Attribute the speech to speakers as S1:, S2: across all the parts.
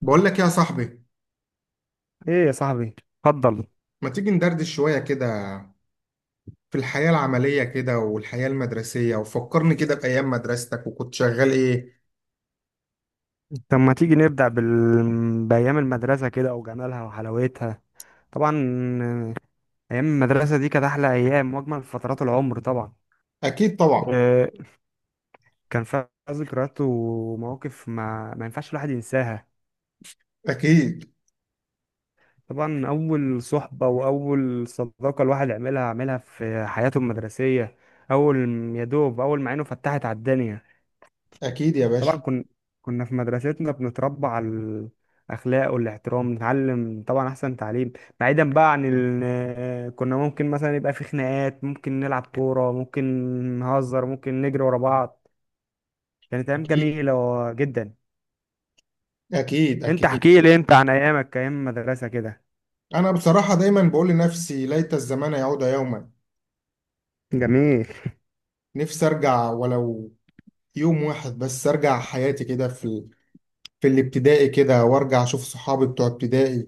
S1: بقول لك يا صاحبي،
S2: ايه يا صاحبي، اتفضل.
S1: ما تيجي ندردش شوية كده في الحياة العملية كده والحياة المدرسية؟ وفكرني كده بأيام مدرستك، وكنت شغال إيه؟
S2: طب ما تيجي نبدأ بأيام المدرسة كده وجمالها وحلاوتها؟ طبعا. آه، أيام المدرسة دي كانت أحلى أيام وأجمل فترات العمر طبعا.
S1: أكيد طبعا.
S2: آه، كان فيها ذكريات ومواقف ما ينفعش الواحد ينساها.
S1: أكيد
S2: طبعا أول صحبة وأول صداقة الواحد عملها في حياته المدرسية، يا دوب أول ما عينه فتحت على الدنيا.
S1: أكيد يا
S2: طبعا
S1: باشا.
S2: كنا في مدرستنا بنتربى على الاخلاق والاحترام، نتعلم طبعا احسن تعليم، بعيدا بقى عن كنا ممكن مثلا يبقى في خناقات، ممكن نلعب كوره، ممكن نهزر، ممكن نجري ورا بعض. كانت ايام
S1: أكيد
S2: جميله جدا.
S1: أكيد
S2: انت
S1: أكيد.
S2: احكي لي انت عن ايامك، ايام مدرسه كده.
S1: أنا بصراحة دايما بقول لنفسي ليت الزمان يعود يوما.
S2: جميل.
S1: نفسي أرجع ولو يوم واحد بس، أرجع حياتي كده في الابتدائي كده، وأرجع أشوف صحابي بتوع ابتدائي.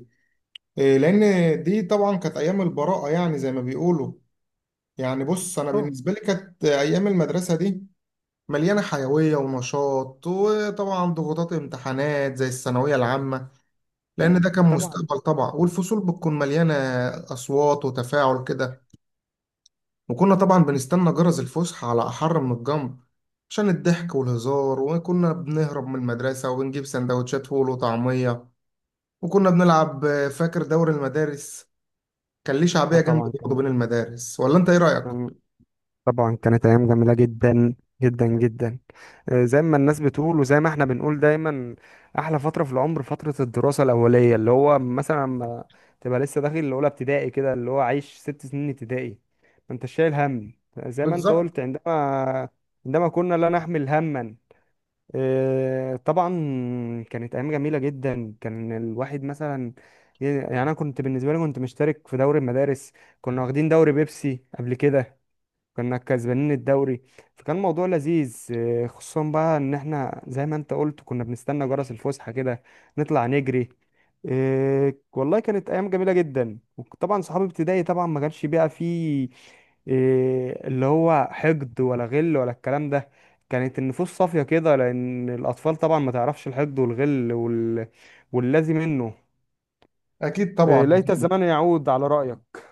S1: إيه، لأن دي طبعا كانت أيام البراءة، يعني زي ما بيقولوا. يعني بص، انا
S2: اه
S1: بالنسبه لي كانت ايام المدرسه دي مليانه حيويه ونشاط، وطبعا ضغوطات امتحانات زي الثانويه العامه، لان ده كان
S2: طبعا.
S1: مستقبل طبعا. والفصول بتكون مليانه اصوات وتفاعل كده. وكنا طبعا بنستنى جرس الفسحه على احر من الجمر عشان الضحك والهزار، وكنا بنهرب من المدرسه وبنجيب سندوتشات فول وطعميه. وكنا بنلعب، فاكر دوري المدارس كان ليه
S2: اه
S1: شعبيه جامده
S2: طبعا
S1: برضه
S2: كانت
S1: بين المدارس، ولا انت ايه رايك؟
S2: آه طبعا كانت ايام جميله جدا جدا جدا. زي ما الناس بتقول وزي ما احنا بنقول دايما، احلى فتره في العمر، فتره الدراسه الاوليه، اللي هو مثلا لما تبقى لسه داخل الاولى ابتدائي كده، اللي هو عايش ست سنين ابتدائي، ما انت شايل هم. زي ما انت
S1: بالظبط.
S2: قلت، عندما كنا لا نحمل هما. طبعا كانت ايام جميله جدا، كان الواحد مثلا، يعني انا كنت بالنسبه لي كنت مشترك في دوري المدارس، كنا واخدين دوري بيبسي قبل كده، كنا كسبانين الدوري، فكان موضوع لذيذ. خصوصا بقى ان احنا زي ما انت قلت كنا بنستنى جرس الفسحة كده، نطلع نجري. والله كانت ايام جميلة جدا، وطبعا صحابي ابتدائي طبعا ما كانش بقى فيه، اللي هو حقد ولا غل ولا الكلام ده. كانت النفوس صافية كده لان الاطفال طبعا ما تعرفش الحقد والغل واللازم منه.
S1: اكيد طبعا.
S2: ليت الزمان يعود على رأيك.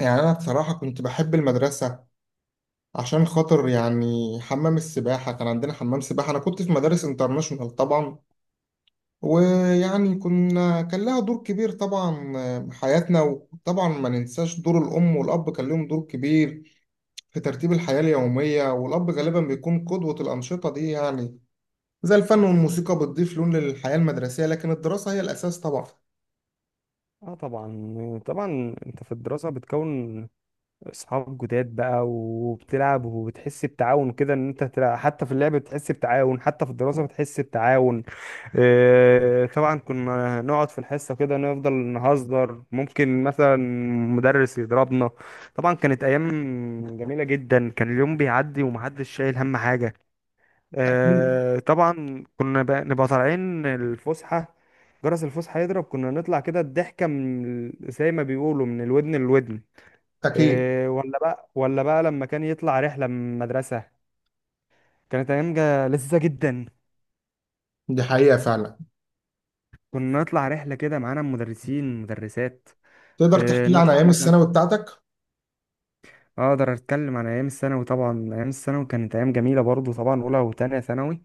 S1: يعني أنا بصراحة كنت بحب المدرسة، عشان خاطر يعني حمام السباحة، كان عندنا حمام سباحة. أنا كنت في مدارس انترناشونال طبعا، ويعني كنا كان لها دور كبير طبعا في حياتنا. وطبعا ما ننساش دور الأم والأب، كان لهم دور كبير في ترتيب الحياة اليومية. والأب غالبا بيكون قدوة. الأنشطة دي يعني زي الفن والموسيقى بتضيف لون للحياة المدرسية، لكن الدراسة هي الأساس طبعا.
S2: اه طبعا. طبعا انت في الدراسة بتكون اصحاب جداد بقى، وبتلعب وبتحس بتعاون كده، ان انت تلعب حتى في اللعب بتحس بتعاون، حتى في الدراسة بتحس بتعاون. إيه، طبعا كنا نقعد في الحصة كده، نفضل نهزر ممكن مثلا مدرس يضربنا. طبعا كانت ايام جميلة جدا، كان اليوم بيعدي ومحدش شايل هم حاجة.
S1: أكيد
S2: إيه، طبعا كنا بقى نبقى طالعين الفسحة، جرس الفسحة يضرب، كنا نطلع كده الضحكة من زي ما بيقولوا من الودن للودن.
S1: أكيد.
S2: إيه، ولا بقى لما كان يطلع رحلة من المدرسة، كانت أيام لذيذة جدا.
S1: دي حقيقة فعلا.
S2: كنا نطلع رحلة كده معانا مدرسين مدرسات.
S1: تقدر
S2: إيه،
S1: تحكي لي عن
S2: نطلع
S1: أيام
S2: مثلا.
S1: الثانوي بتاعتك؟
S2: أقدر أتكلم عن أيام الثانوي. طبعا أيام الثانوي كانت أيام جميلة برضو، طبعا أولى وتانية ثانوي.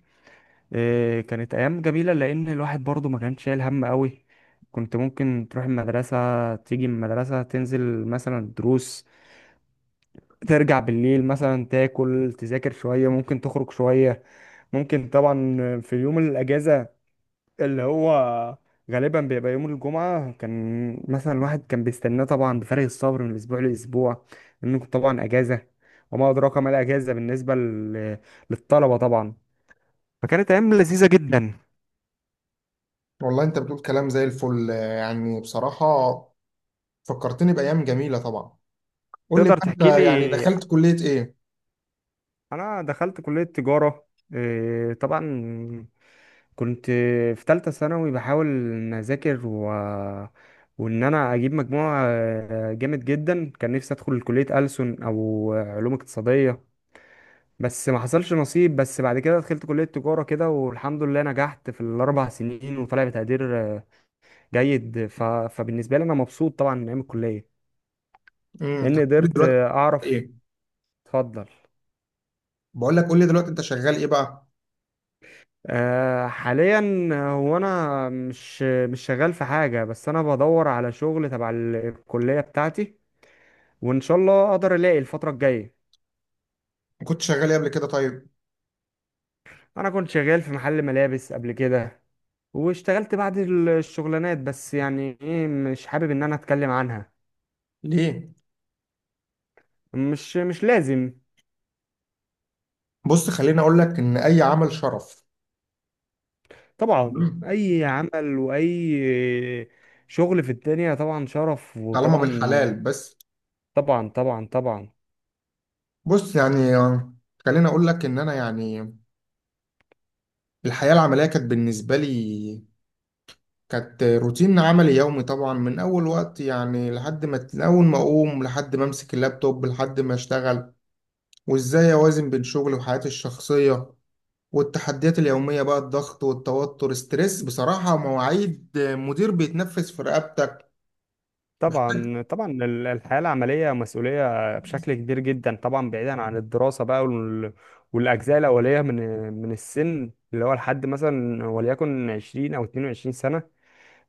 S2: إيه، كانت أيام جميلة لأن الواحد برضو ما كانش شايل هم قوي. كنت ممكن تروح المدرسة، تيجي من المدرسة، تنزل مثلا دروس، ترجع بالليل مثلا، تاكل، تذاكر شوية، ممكن تخرج شوية، ممكن طبعا. في يوم الأجازة اللي هو غالبا بيبقى يوم الجمعة، كان مثلا الواحد كان بيستناه طبعا بفارغ الصبر من أسبوع لأسبوع، لأنه كنت طبعا أجازة، وما أدراك ما الأجازة بالنسبة للطلبة طبعا. فكانت أيام لذيذة جدا.
S1: والله انت بتقول كلام زي الفل. آه، يعني بصراحة فكرتني بأيام جميلة طبعا. قول لي
S2: تقدر
S1: بقى،
S2: تحكي لي.
S1: انت يعني دخلت كلية ايه؟
S2: أنا دخلت كلية تجارة. إيه، طبعا كنت في تالتة ثانوي، بحاول إن أذاكر وإن أنا أجيب مجموع جامد جدا. كان نفسي أدخل كلية ألسن أو علوم اقتصادية، بس ما حصلش نصيب. بس بعد كده دخلت كلية تجارة كده، والحمد لله نجحت في الأربع سنين، وطلع بتقدير جيد. فبالنسبة لي أنا مبسوط طبعا من أيام الكلية،
S1: انت
S2: لأن
S1: كلية
S2: قدرت
S1: دلوقتي
S2: أعرف.
S1: ايه؟
S2: اتفضل.
S1: بقول لك، قول لي دلوقتي انت شغال ايه بقى؟
S2: أه حاليا، هو انا مش شغال في حاجه، بس انا بدور على شغل تبع الكليه بتاعتي، وان شاء الله اقدر الاقي الفتره الجايه.
S1: كنت شغال ايه قبل كده طيب؟
S2: انا كنت شغال في محل ملابس قبل كده، واشتغلت بعض الشغلانات، بس يعني ايه، مش حابب ان انا اتكلم عنها.
S1: ليه؟
S2: مش لازم.
S1: بص خليني اقول لك ان اي عمل شرف.
S2: طبعا
S1: مم.
S2: اي عمل واي شغل في الدنيا طبعا شرف،
S1: طالما
S2: وطبعا.
S1: بالحلال بس.
S2: طبعا طبعا طبعا
S1: بص يعني خليني اقول لك ان انا يعني الحياة العملية كانت بالنسبة لي، كانت روتين عملي يومي طبعا من اول وقت، يعني لحد ما، من اول ما اقوم لحد ما امسك اللابتوب لحد ما اشتغل. وازاي اوازن بين شغلي وحياتي الشخصيه والتحديات اليوميه بقى؟ الضغط والتوتر، ستريس بصراحه، ومواعيد مدير بيتنفس في رقبتك.
S2: طبعا طبعا الحياة العملية مسؤولية بشكل كبير جدا طبعا، بعيدا عن الدراسة بقى والأجزاء الأولية من السن، اللي هو لحد مثلا وليكن 20 أو 22 سنة.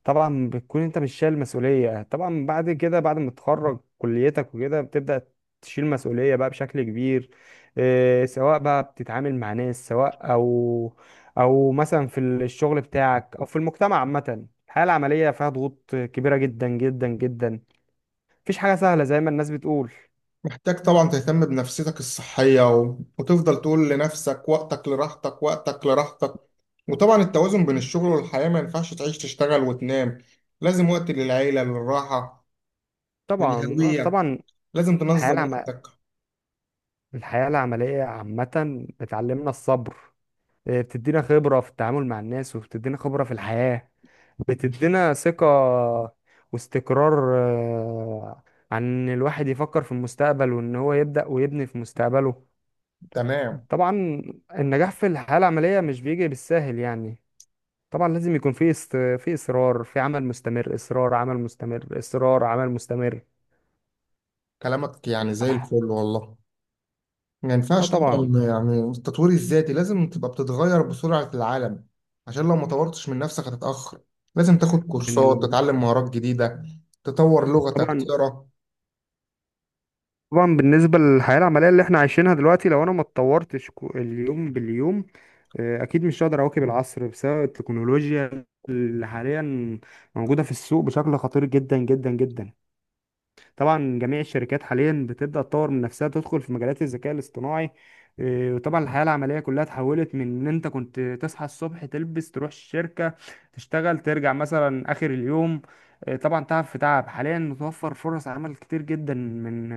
S2: طبعا بتكون أنت مش شايل مسؤولية. طبعا بعد كده بعد ما تتخرج كليتك وكده، بتبدأ تشيل مسؤولية بقى بشكل كبير. إيه، سواء بقى بتتعامل مع ناس، سواء أو مثلا في الشغل بتاعك أو في المجتمع عامة. الحياة العملية فيها ضغوط كبيرة جدا جدا جدا، مفيش حاجة سهلة زي ما الناس بتقول.
S1: محتاج طبعا تهتم بنفسيتك الصحيه وتفضل تقول لنفسك وقتك لراحتك، وقتك لراحتك. وطبعا التوازن بين الشغل والحياه، ما ينفعش تعيش تشتغل وتنام. لازم وقت للعيله، للراحه،
S2: طبعا.
S1: للهويه.
S2: طبعا
S1: لازم
S2: الحياة
S1: تنظم
S2: العم...
S1: وقتك.
S2: الحياة العملية عامة بتعلمنا الصبر. إيه، بتدينا خبرة في التعامل مع الناس، وبتدينا خبرة في الحياة، بتدينا ثقة واستقرار. عن إن الواحد يفكر في المستقبل، وإن هو يبدأ ويبني في مستقبله.
S1: تمام.
S2: طبعا النجاح في الحياة العملية مش بيجي بالساهل يعني. طبعا لازم يكون في في إصرار، في عمل مستمر، إصرار عمل مستمر، إصرار عمل مستمر
S1: كلامك يعني
S2: على
S1: زي
S2: الح-
S1: الفل والله. ما
S2: اه
S1: ينفعش
S2: طبعا.
S1: طبعا، يعني التطوير الذاتي لازم تبقى بتتغير بسرعة العالم، عشان لو ما طورتش من نفسك هتتأخر. لازم تاخد كورسات،
S2: بن-
S1: تتعلم مهارات جديدة، تطور لغتك،
S2: طبعا.
S1: تقرا.
S2: طبعا بالنسبة للحياة العملية اللي احنا عايشينها دلوقتي، لو انا ما اتطورتش اليوم باليوم، اكيد مش هقدر اواكب العصر بسبب التكنولوجيا اللي حاليا موجودة في السوق بشكل خطير جدا جدا جدا. طبعا جميع الشركات حاليا بتبدأ تطور من نفسها، تدخل في مجالات الذكاء الاصطناعي. إيه، وطبعا الحياة العملية كلها اتحولت من ان انت كنت تصحى الصبح، تلبس، تروح الشركة، تشتغل، ترجع مثلا اخر اليوم. إيه، طبعا تعب في تعب. حاليا متوفر فرص عمل كتير جدا من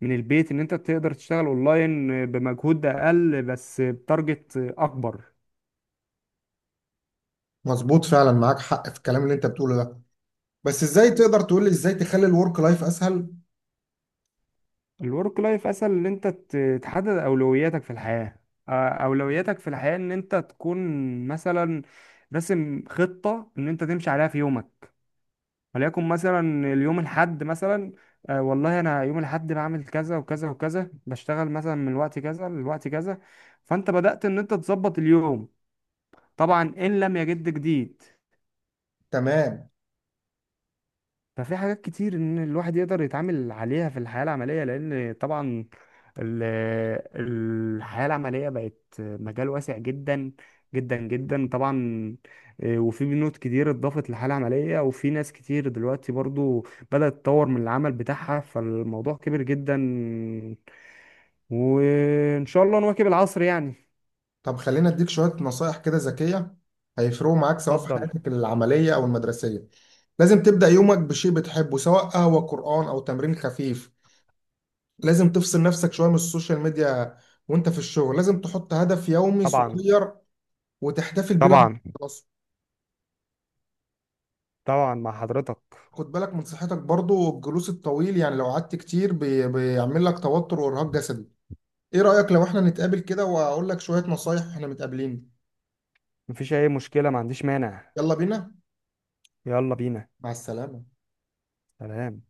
S2: من البيت، ان انت تقدر تشتغل اونلاين بمجهود اقل بس بتارجت اكبر.
S1: مظبوط فعلا. معاك حق في الكلام اللي انت بتقوله ده. بس ازاي، تقدر تقول لي ازاي تخلي الورك لايف اسهل؟
S2: الورك لايف اسهل ان انت تحدد اولوياتك في الحياة. اولوياتك في الحياة ان انت تكون مثلا راسم خطة ان انت تمشي عليها في يومك، وليكن مثلا اليوم الحد مثلا، والله انا يوم الحد بعمل كذا وكذا وكذا، بشتغل مثلا من الوقت كذا للوقت كذا، فانت بدأت ان انت تظبط اليوم. طبعا ان لم يجد جديد.
S1: تمام.
S2: ففي حاجات كتير ان الواحد يقدر يتعامل عليها في الحياة العملية، لان طبعا ال- الحياة العملية بقت مجال واسع جدا جدا جدا طبعا. إيه، وفي بنود كتير اتضافت للحياة العملية، وفي ناس كتير دلوقتي برضو بدأت تطور من العمل بتاعها، فالموضوع كبير جدا، وإن شاء الله نواكب العصر يعني.
S1: طب خلينا اديك شوية نصايح كده ذكية هيفرقوا معاك سواء في
S2: اتفضل.
S1: حياتك العملية او المدرسية. لازم تبدأ يومك بشيء بتحبه، سواء قهوة، قرآن، او تمرين خفيف. لازم تفصل نفسك شوية من السوشيال ميديا. وانت في الشغل لازم تحط هدف يومي
S2: طبعا
S1: صغير، وتحتفل بيه لما
S2: طبعا
S1: تخلصه.
S2: طبعا مع حضرتك.
S1: خد بالك من صحتك برضو. الجلوس الطويل، يعني لو قعدت كتير بيعمل لك توتر وارهاق جسدي. ايه رأيك لو احنا نتقابل كده، واقول لك شوية نصايح واحنا متقابلين؟
S2: مفيش أي مشكلة، ما عنديش مانع.
S1: يلا بينا.
S2: يلا بينا.
S1: مع السلامة.
S2: سلام.